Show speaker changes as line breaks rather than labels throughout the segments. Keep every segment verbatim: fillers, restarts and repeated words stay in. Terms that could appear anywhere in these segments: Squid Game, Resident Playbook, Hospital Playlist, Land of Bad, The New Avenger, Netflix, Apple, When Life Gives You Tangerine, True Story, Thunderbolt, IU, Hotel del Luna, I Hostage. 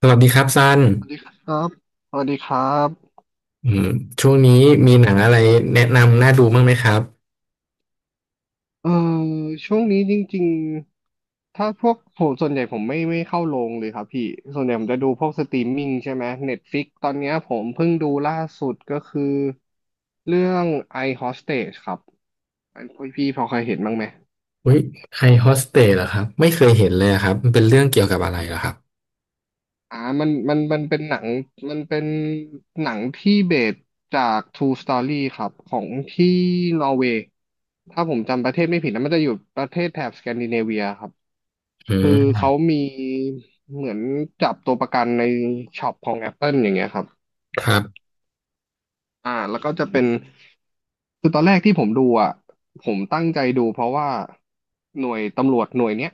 สวัสดีครับซัน
สวัสดีครับสวัสดีครับ
อืมช่วงนี้มีหนังอะไรแนะนำน่าดูบ้างไหมครับ
เออช่วงนี้จริงๆ ถ้าพวกผมส่วนใหญ่ผมไม่ไม่เข้าโรงเลยครับพี่ ส่วนใหญ่ผมจะดูพวกสตรีมมิ่งใช่ไหม Netflix ตอนเนี้ยผมเพิ่งดูล่าสุดก็คือเรื่อง I Hostage ครับอันพี่พอเคยเห็นบ้างไหม
อุ้ยไอโฮสเตสเหรอครับไม่เคยเห็นเลยอะครับมันเป็นเรื่องเกี่ยวกับอะไรเหรอครับ
อ่ามันมันมันเป็นหนังมันเป็นหนังที่เบสจาก True Story ครับของที่นอร์เวย์ถ้าผมจำประเทศไม่ผิดนะมันจะอยู่ประเทศแถบสแกนดิเนเวียครับ
อื
คือ
ม
เขามีเหมือนจับตัวประกันในช็อปของ Apple อย่างเงี้ยครับ
ครับ
อ่าแล้วก็จะเป็นคือตอนแรกที่ผมดูอ่ะผมตั้งใจดูเพราะว่าหน่วยตำรวจหน่วยเนี้ย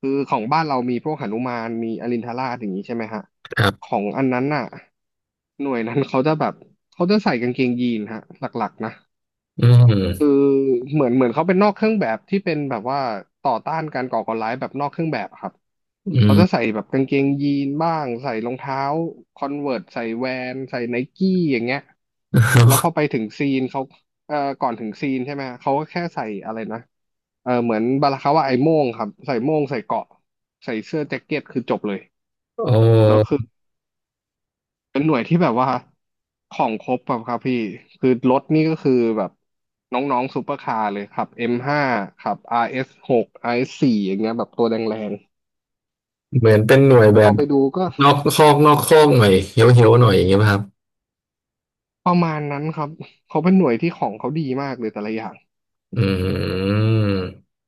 คือของบ้านเรามีพวกหนุมานมีอรินทราชอย่างนี้ใช่ไหมฮะ
ครั
ขอ
บ
งอันนั้นน่ะหน่วยนั้นเขาจะแบบเขาจะใส่กางเกงยีนฮะหลักๆนะ
อื
คือ
ม
เหมือนเหมือนเขาเป็นนอกเครื่องแบบที่เป็นแบบว่าต่อต้านการก่อการร้ายแบบนอกเครื่องแบบครับ
อื
เขา
ม
จะใส่แบบกางเกงยีนบ้างใส่รองเท้าคอนเวิร์ตใส่แวนใส่ไนกี้อย่างเงี้ยแล้วพอไปถึงซีนเขาเอ่อก่อนถึงซีนใช่ไหมเขาก็แค่ใส่อะไรนะเออเหมือนบาลาคาว่าไอ้โม่งครับใส่โม่งใส่เกราะใส่เสื้อแจ็คเก็ตคือจบเลย
โอ
แล้วคือ
้
เป็นหน่วยที่แบบว่าของครบแบบครับพี่คือรถนี่ก็คือแบบน้องๆซูเปอร์คาร์เลยครับเอ็มห้าครับอาร์เอสหกอาร์เอสสี่อย่างเงี้ยแบบตัวแรง
เหมือนเป็นหน่วย
ๆแต่
แบ
พอ
บ
ไปดูก็
นอกคอกนอกคอกหน่อยเฮี้ยวเฮี้ยวหน่อยอย่างเงี้ยป่ะครับ
ประมาณนั้นครับเขาเป็นหน่วยที่ของเขาดีมากเลยแต่ละอย่าง
อืม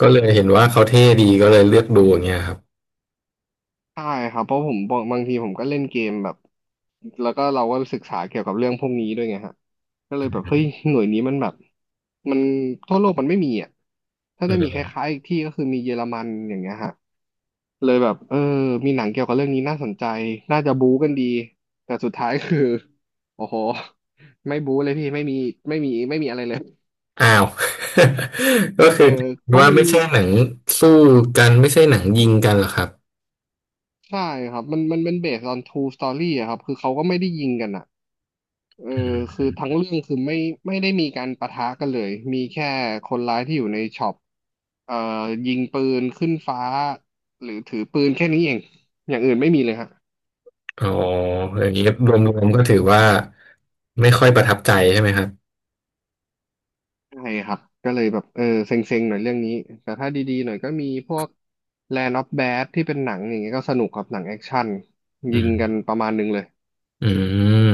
ก็เลยเห็นว่าเขาเท่ดีก็เลยเลือกดูอย่างเงี้ยครับ
ใช่ครับเพราะผมบางบางทีผมก็เล่นเกมแบบแล้วก็เราก็ศึกษาเกี่ยวกับเรื่องพวกนี้ด้วยไงฮะก็เลยแบบเฮ้ยหน่วยนี้มันแบบมันทั่วโลกมันไม่มีอ่ะถ้า
อื
จะมีค
ม
ล้ายๆอีกที่ก็คือมีเยอรมันอย่างเงี้ยฮะเลยแบบเออมีหนังเกี่ยวกับเรื่องนี้น่าสนใจน่าจะบู๊กันดีแต่สุดท้ายคือ โอ้โหไม่บู๊เลยพี่ไม่มีไม่มีไม่มีอะไรเลย
อ้าว ก็
เอ
คือ
อเพราะ
ว่า
มัน
ไม่ใช่หนังสู้กันไม่ใช่หนังยิงกันเหรอครับ
ใช่ครับมันมันเป็นเบสออน true story อะครับคือเขาก็ไม่ได้ยิงกันอ่ะเออคือทั้งเรื่องคือไม่ไม่ได้มีการปะทะกันเลยมีแค่คนร้ายที่อยู่ในช็อปเอ่อยิงปืนขึ้นฟ้าหรือถือปืนแค่นี้เองอย่างอื่นไม่มีเลยฮะ
อ๋ออย่างนี้รวมๆก็ถือว่าไม่ค่อยประทับใจใช่ไหมครับ
ใช่ครับก็เลยแบบเออเซ็งๆหน่อยเรื่องนี้แต่ถ้าดีๆหน่อยก็มีพวก Land of Bad ที่เป็นหนังอย่างเงี้ยก็สนุกครับหนังแอคชั่น
อื
ยิงกัน
ม
ประมาณนึงเลย
อืม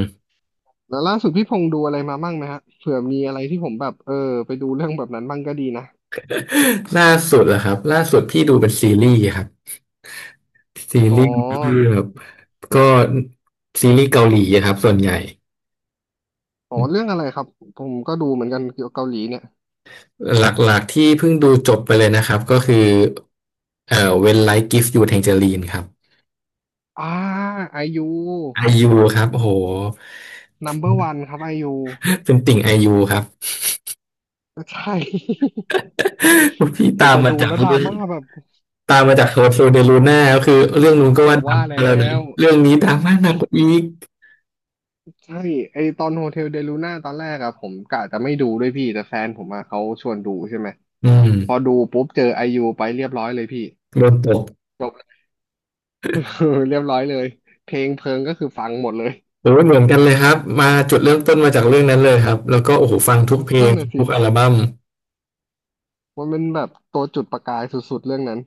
แล้วล่าสุดพี่พงษ์ดูอะไรมาบ้างไหมฮะเผื่อมีอะไรที่ผมแบบเออไปดูเรื่องแบบนั้นบ้างก็ดีนะ
ล่าสุดเหรอครับล่าสุดพี่ดูเป็นซีรีส์ครับซี
อ๋อ
รีส์ที่แบบก็ซีรีส์เกาหลีอะครับส่วนใหญ่
อ๋อเรื่องอะไรครับ ผมก็ดูเหมือนกันเกี่ยวกับเกาหลีเนี่ย
หลักๆที่เพิ่งดูจบไปเลยนะครับก็คือเอ่อ When Life Gives You Tangerine ครับ
อ่าไอยู
ไอยูครับโห
number one ครับไอยู
เป็นติ่งไอยูครับ
ใช่
พี่
โห
ตาม
แต่
มา
ดู
จาก
แล้วดรา
เรื่อง
ม่าแบบ
ตามมาจากโฮโซเดลูน่าก็คือเรื่องนู้นก็
ผ
ว่า
ม
ดัง
ว่าแล้
แล้วนะ
ว
เรื่องนี้ดังมากหนักกว่าอีก
ใช่ไอตอนโฮเทลเดลูน่าตอนแรกอะผมกะจะไม่ดูด้วยพี่แต่แฟนผมอะเขาชวนดูใช่ไหม
อืม
พอดูปุ๊บเจอไอยูไปเรียบร้อยเลยพี่
โดนตก
จบ เรียบร้อยเลยเพลงเพลิงก็คือฟังหมดเลย
โอ้ยเหมือนกันเลยครับมาจุดเริ่มต้นมาจากเรื่องนั้นเลยครับแล้วก็โอ้โหฟังทุกเพล
นั่
ง
นน่ะสิ
ทุกอัลบั้ม
มันเป็นแบบตัวจุดประกายสุดๆเรื่องนั้น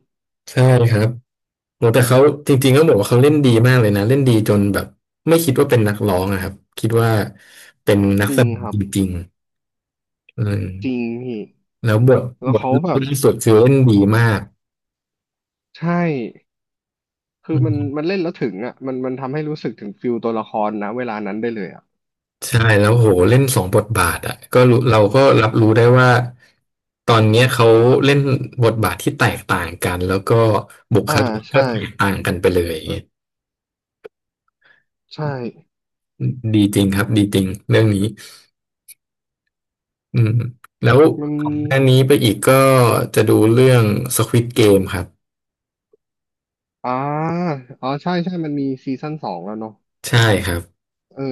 ใช่ครับโอ้แต่เขาจริงๆก็บอกว่าเขาเล่นดีมากเลยนะเล่นดีจนแบบไม่คิดว่าเป็นนักร้องนะครับคิดว่าเป็นนัก
จริ
แส
ง
ดง
ครับ
จริงๆอืม
จริงพี่
แล้วบท
แล้
บ
ว
ท
เขา
รอ
แบบ
งล่าสุดคือเล่นดีมาก
ใช่คื
อื
อมัน
ม
มันเล่นแล้วถึงอ่ะมันมันทำให้รู้สึกถึงฟิลตัวละครนะเวลานั้นได้เลยอ่ะ
ใช่แล้วโหเล่นสองบทบาทอ่ะก็รู้เราก็รับรู้ได้ว่าตอนเนี้ยเขาเล่นบทบาทที่แตกต่างกันแล้วก็บุค
อ่า
ลิกก็
ใช่
แตกต่างกันไปเลยอย่างเงี้ย
ใช่
ดีจริงครับดีจริงเรื่องนี้อืมแล้ว
มัน
ของหน้านี้ไปอีกก็จะดูเรื่อง Squid Game ครับ
อ่าอ๋อใช่ใช่มันมีซีซั่นสองแล้วเนาะ
ใช่ครับ
เออ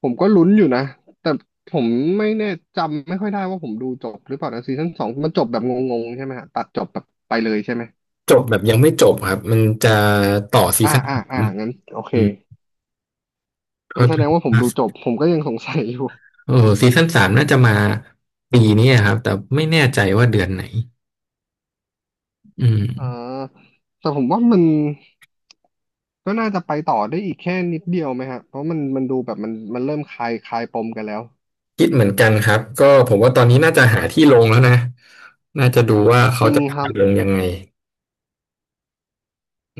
ผมก็ลุ้นอยู่นะแต่ผมไม่แน่จำไม่ค่อยได้ว่าผมดูจบหรือเปล่านะซีซั่นสองมันจบแบบงงๆใช่ไหมฮะตัดจบแบบไปเลยใช่ไหม
จบแบบยังไม่จบครับมันจะต่อซี
อ่า
ซั่น
อ่า
สา
อ่า
ม
งั้นโอเค
อืม
งั้
เข้า
นแส
ใจ
ดงว่าผ
ค
ม
รั
ดูจ
บ
บผมก็ยังสงสัยอยู่
เออซีซั่นสามน่าจะมาปีนี้ครับแต่ไม่แน่ใจว่าเดือนไหนอืม
อ่าแต่ผมว่ามันก็น่าจะไปต่อได้อีกแค่นิดเดียวไหมฮะเพราะมันมันดูแบบมันมันเริ่มคลายคลายปมกันแล้ว
คิดเหมือนกันครับก็ผมว่าตอนนี้น่าจะหาที่ลงแล้วนะน่าจะดูว่า
จ
เขา
ริง
จะ
ครั
พา
บ
ลงยังไง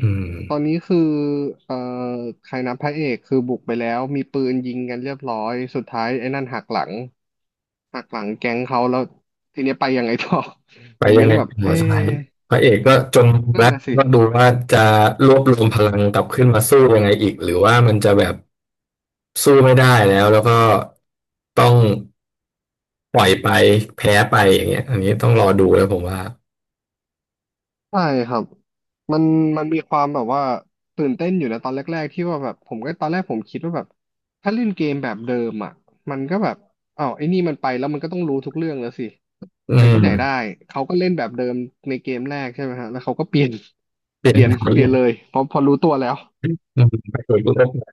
อืม
ตอนนี้คือเอ่อใครนะพระเอกคือบุกไปแล้วมีปืนยิงกันเรียบร้อยสุดท้ายไอ้นั่นหักหลังหักหลังแก๊งเขาแล้วทีนี้ไปยังไงต่อ
ไป
ผม
ยั
ยั
ง
ง
ไง
แบบ
หั
เอ๊
วใช่
ะ
พระเอกก็จนมุม
นั่น
แล้ว
น่ะสิ
ก็ดูว่าจะรวบรวมพลังกลับขึ้นมาสู้ยังไงอีกหรือว่ามันจะแบบสู้ไม่ได้แล้วแล้วก็ต้องปล่อยไปแพ้ไปอย่างเงี้ยอันนี้ต้องรอดูแล้วผมว่า
ใช่ครับมันมันมีความแบบว่าตื่นเต้นอยู่นะตอนแรกๆที่ว่าแบบผมก็ตอนแรกผมคิดว่าแบบถ้าเล่นเกมแบบเดิมอ่ะมันก็แบบอ้าวไอ้นี่มันไปแล้วมันก็ต้องรู้ทุกเรื่องแล้วสิ
อื
แต่ที่ไห
ม
นได้เขาก็เล่นแบบเดิมในเกมแรกใช่ไหมฮะแล้วเขาก็เปลี่ยน
เป ลี่
เป
ยน
ลี่ยน
แนว
เป
อ
ลี่ยน
ยู่
เลยเพอพอรู้ตัวแล้ว
อืมไปโดยรวม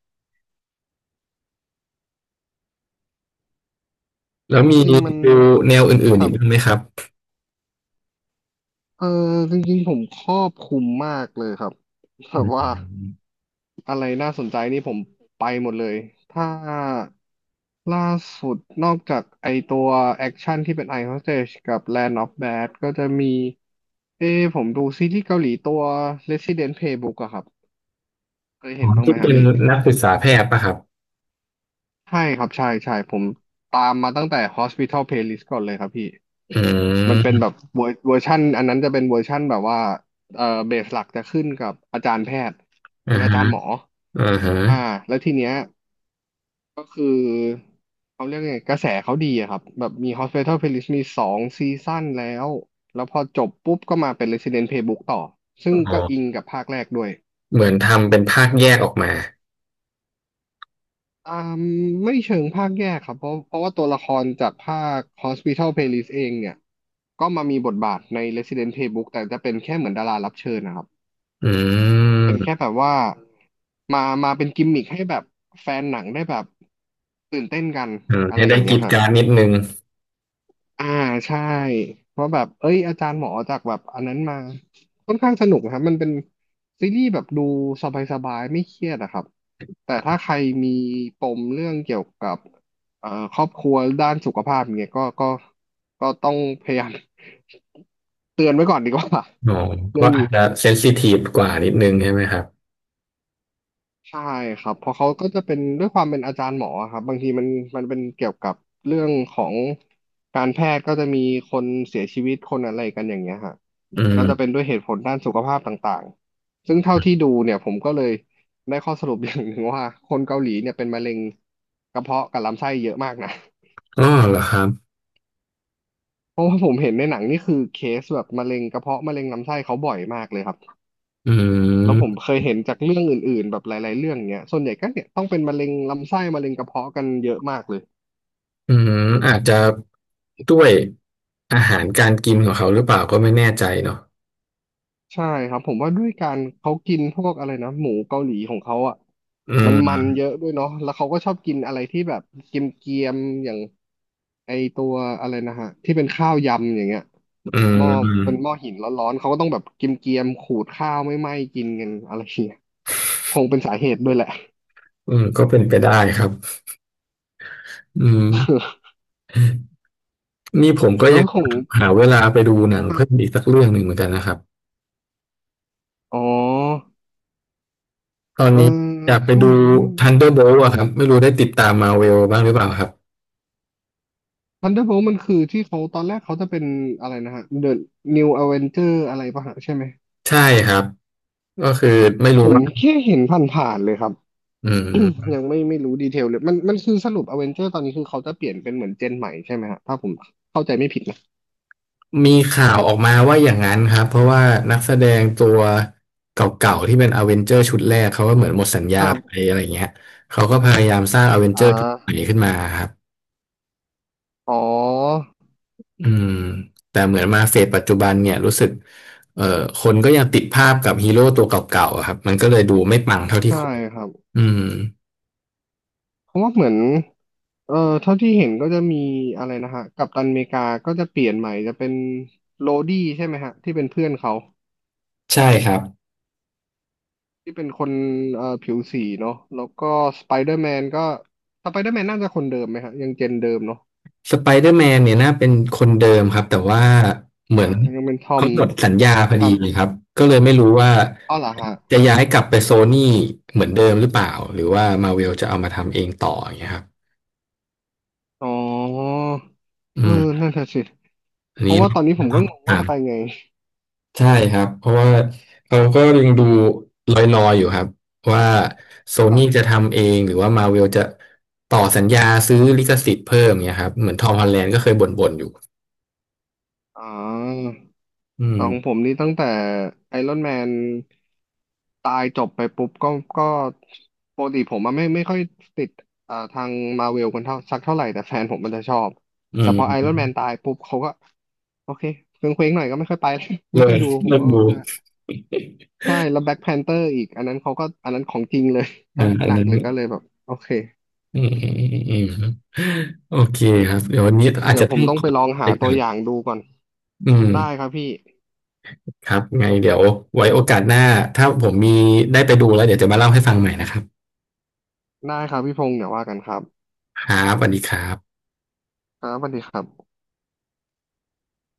แล้ว
จ
มี
ริ
ดู
งๆมัน
แนวอื่
ค
นๆ
รั
อีกบ้างไหม
บ
ครับ
เออจริงๆผมครอบคลุมมากเลยครับแบ
อื
บว่า
ม
อะไรน่าสนใจนี่ผมไปหมดเลยถ้าล่าสุดนอกจากไอตัวแอคชั่นที่เป็น Ice Hostage กับ Land of Bad ก็จะมีเอ้ผมดูซีรีส์เกาหลีตัว Resident Playbook อะครับเคย
อ๋
เห็
อ
นบ้างไห
ที่
มครั
เป็
บ
น
พี่
นักศึกษาแพทย์ป่ะครับ
ใช่ครับใช่ใช่ผมตามมาตั้งแต่ Hospital Playlist ก่อนเลยครับพี่
อื
มันเป็นแบบ
ม
เวอร์เวอร์ชันอันนั้นจะเป็นเวอร์ชันแบบว่าเอ่อเบสหลักจะขึ้นกับอาจารย์แพทย์
อ่า
เป็นอา
ฮะ
จารย์หมอ
อ่าฮะ
อ่าแล้วทีเนี้ย ก็คือเขาเรียกไงกระแสเขาดีอะครับแบบมี Hospital Playlist มีสองซีซั่นแล้วแล้วพอจบปุ๊บก็มาเป็น Resident Playbook ต่อซึ่ง
อ๋อ
ก็อิงกับภาคแรกด้วย
เหมือนทำเป็นภาคแยกออกมา
อ่าไม่เชิงภาคแยกครับเพราะเพราะว่าตัวละครจากภาค Hospital Playlist เองเนี่ยก็มามีบทบาทใน Resident Playbook แต่จะเป็นแค่เหมือนดารารับเชิญนะครับ
อื
เป็นแค่
ม
แบบว่ามามาเป็นกิมมิคให้แบบแฟนหนังได้แบบตื่นเต้นกัน
อืม
อะไร
ให้
อ
ได้
ย่าง
ก
เงี้
รี
ย
ดก
ฮะ
รารนิดนึง
อ่าใช่เพราะแบบเอ้ยอาจารย์หมอจากแบบอันนั้นมาค่อนข้างสนุกนะครับมันเป็นซีรีส์แบบดูสบายๆไม่เครียดอะครับแต่ถ้าใครมีปมเรื่องเกี่ยวกับเอ่อครอบครัวด้านสุขภาพเนี่ยก็ก็ก็ต้องพยายาม เตือนไว้ก่อนดีกว่า
อ๋อ
เรื่
ก็
อง
อา
นี้
จจะเซนซิทีฟกว่านิดนึงใช่ไหมครับ
ใช่ครับเพราะเขาก็จะเป็นด้วยความเป็นอาจารย์หมออะครับบางทีมันมันเป็นเกี่ยวกับเรื่องของการแพทย์ก็จะมีคนเสียชีวิตคนอะไรกันอย่างเงี้ยฮะ
อื
แต่ก็จะเป็
ม
นด้วยเหตุผลด้านสุขภาพต่างๆซึ่งเท่าที่ดูเนี่ยผมก็เลยได้ข้อสรุปอย่างหนึ่งว่าคนเกาหลีเนี่ยเป็นมะเร็งกระเพาะกับลำไส้เยอะมากนะ
อ๋อเหรอครับ
เพราะว่าผมเห็นในหนังนี่คือเคสแบบมะเร็งกระเพาะมะเร็งลำไส้เขาบ่อยมากเลยครับ
อื
แล้วผม
ม
เคยเห็นจากเรื่องอื่นๆแบบหลายๆเรื่องเนี้ยส่วนใหญ่ก็เนี่ยต้องเป็นมะเร็งลำไส้มะเร็งกระเพาะกันเยอะมากเลย
อืมอาจจะด้วยอาหารการกินของเขาหรือเปล่าก็ไม่แน่ใจเนาะ
ใช่ครับผมว่าด้วยการเขากินพวกอะไรนะหมูเกาหลีของเขาอ่ะ
อื
มันมันเย
ม
อะด้วยเนาะแล้วเขาก็ชอบกินอะไรที่แบบเกรียมๆอย่างไอตัวอะไรนะฮะที่เป็นข้าวยำอย่างเงี้ย
อื
หม้อเป็นห
ม
ม้อหินร้อนๆเขาก็ต้องแบบเกรียมๆขูดข้าวไม่ไหม้กินกันอะไรอย่างเงี้ยคงเป็นสาเหตุด้วยแหละ
อืมก็เป็นไปได้ครับอืม นี่ผมก็
แล้
ยั
ว
ง
ของ
หาเวลาไปดูหนังเพิ่มอีกสักเรื่องหนึ่งเหมือนกันนะครับ
อ๋อ
ตอน
เออ
นี้อยากไป
ช่วง
ดู
นี้มัน
Thunderbolt อะครับไม่รู้ได้ติดตามมาเวลบ้างหรือเปล่าครับ
Thunderbolt มันคือที่เขาตอนแรกเขาจะเป็นอะไรนะฮะ The New Avenger อะไรป่ะฮะใช่ไหม
ใช่ครับก็คือไม่
ผ
รู้
ม
ว่า
แค่เห็นผ่านๆเลยครับ
อื ม
ยังไม่ไม่รู้ดีเทลเลยมันมันคือสรุป Avenger ตอนนี้คือเขาจะเปลี่ยนเป็นเหมือนเจนใหม่ใช่ไหมฮะถ้าผมเข้าใจไม่ผิดนะ
มีข่าวออกมาว่าอย่างนั้นครับเพราะว่านักแสดงตัวเก่าๆที่เป็นอเวนเจอร์ชุดแรกเขาก็เหมือนหมดสัญ
ค
ญา
รั
ไป
บ
อะไรเงี้ยเขาก็พยายามสร้างอเวนเจ
อ่
อร์ชุดใหม่
า
ขึ้นมาครับ
อ๋อ
อืมแต่เหมือนมาเฟสปัจจุบันเนี่ยรู้สึกเอ่อคนก็ยังติดภาพกับฮีโร่ตัวเก่าๆอะครับมันก็เลยดูไม่ปังเท่าที่
ใช่
ควร
ครับ
อืม
เพราะว่าเหมือนเอ่อเท่าที่เห็นก็จะมีอะไรนะฮะกัปตันอเมริกาก็จะเปลี่ยนใหม่จะเป็นโรดี้ใช่ไหมฮะที่เป็นเพื่อนเขา
ใช่ครับ
ที่เป็นคนเอ่อผิวสีเนาะแล้วก็สไปเดอร์แมนก็สไปเดอร์แมนน่าจะคนเดิมไหมครับยังเจนเดิมเนาะ
สไปเดอร์แมนเนี่ยน่าเป็นคนเดิมครับแต่ว่าเหมื
อ่า
อน
ยังเป็นทอม
เขาหมดสัญญาพอ
ครั
ดี
บ
เลยครับก็เลยไม่รู้ว่า
อ้าวเหรอฮะ
จะย้ายกลับไปโซนี่เหมือนเดิมหรือเปล่าหรือว่ามาเวลจะเอามาทำเองต่ออย่างเงี้ยครับ
อ๋อ
อื
เออ
ม
นั่นแหละสิ
อัน
เพ
นี้
ราะว่าตอนนี้ผ
น่า
มก็งงว่า
ตา
จะ
ม
ไปไง
ใช่ครับเพราะว่าเราก็ยังดูลอยๆอยู่ครับว่าโซ
แบ
นี่
บ
จะทำเองหรือว่ามาเวลจะต่อสัญญาซื้อลิขสิทธิ์เพิ่มเนี่ยครับเหมือนทอมฮอลแลนด์ก็เคยบ่นๆอยู่
อ๋อ
อืม
ของผมนี่ตั้งแต่ไอรอนแมนตายจบไปปุ๊บก็ก็ปกติผมอะไม่ไม่ค่อยติดเอ่อทางมาเวลกันเท่าสักเท่าไหร่แต่แฟนผมมันจะชอบ
อื
แต่พอไอรอนแมน
ม
ตายปุ๊บเขาก็โอเคเคว้งเคว้งหน่อยก็ไม่ค่อยไป ไม่
เลิ
ค่อย
ก
ดูผม
เลิก
ก็
ดู
เออใช่แล้วแบ็คแพนเตอร์อีกอันนั้นเขาก็อันนั้นของจริงเลย ก็
อ่าอั
ห
น
นัก
นั้น
เลยก็เลยแบบโอเค
อืมอืมอืมอืมโอเคครับเดี๋ยววันนี้อาจ
เดี๋ย
จะ
วผ
ต้อ
ม
ง
ต้อ
ข
ง
อ
ไปลอง
ไป
หา
ก่
ตั
อ
ว
น
อย่างดูก่อน
อืม
ได้ครับพี่
ครับไงเดี๋ยวไว้โอกาสหน้าถ้าผมมีได้ไปดูแล้วเดี๋ยวจะมาเล่าให้ฟังใหม่นะครับ
ได้ครับพี่พงษ์เดี๋ยวว่ากันครับ
ครับสวัสดีครับ
ครับสวัสดีครับ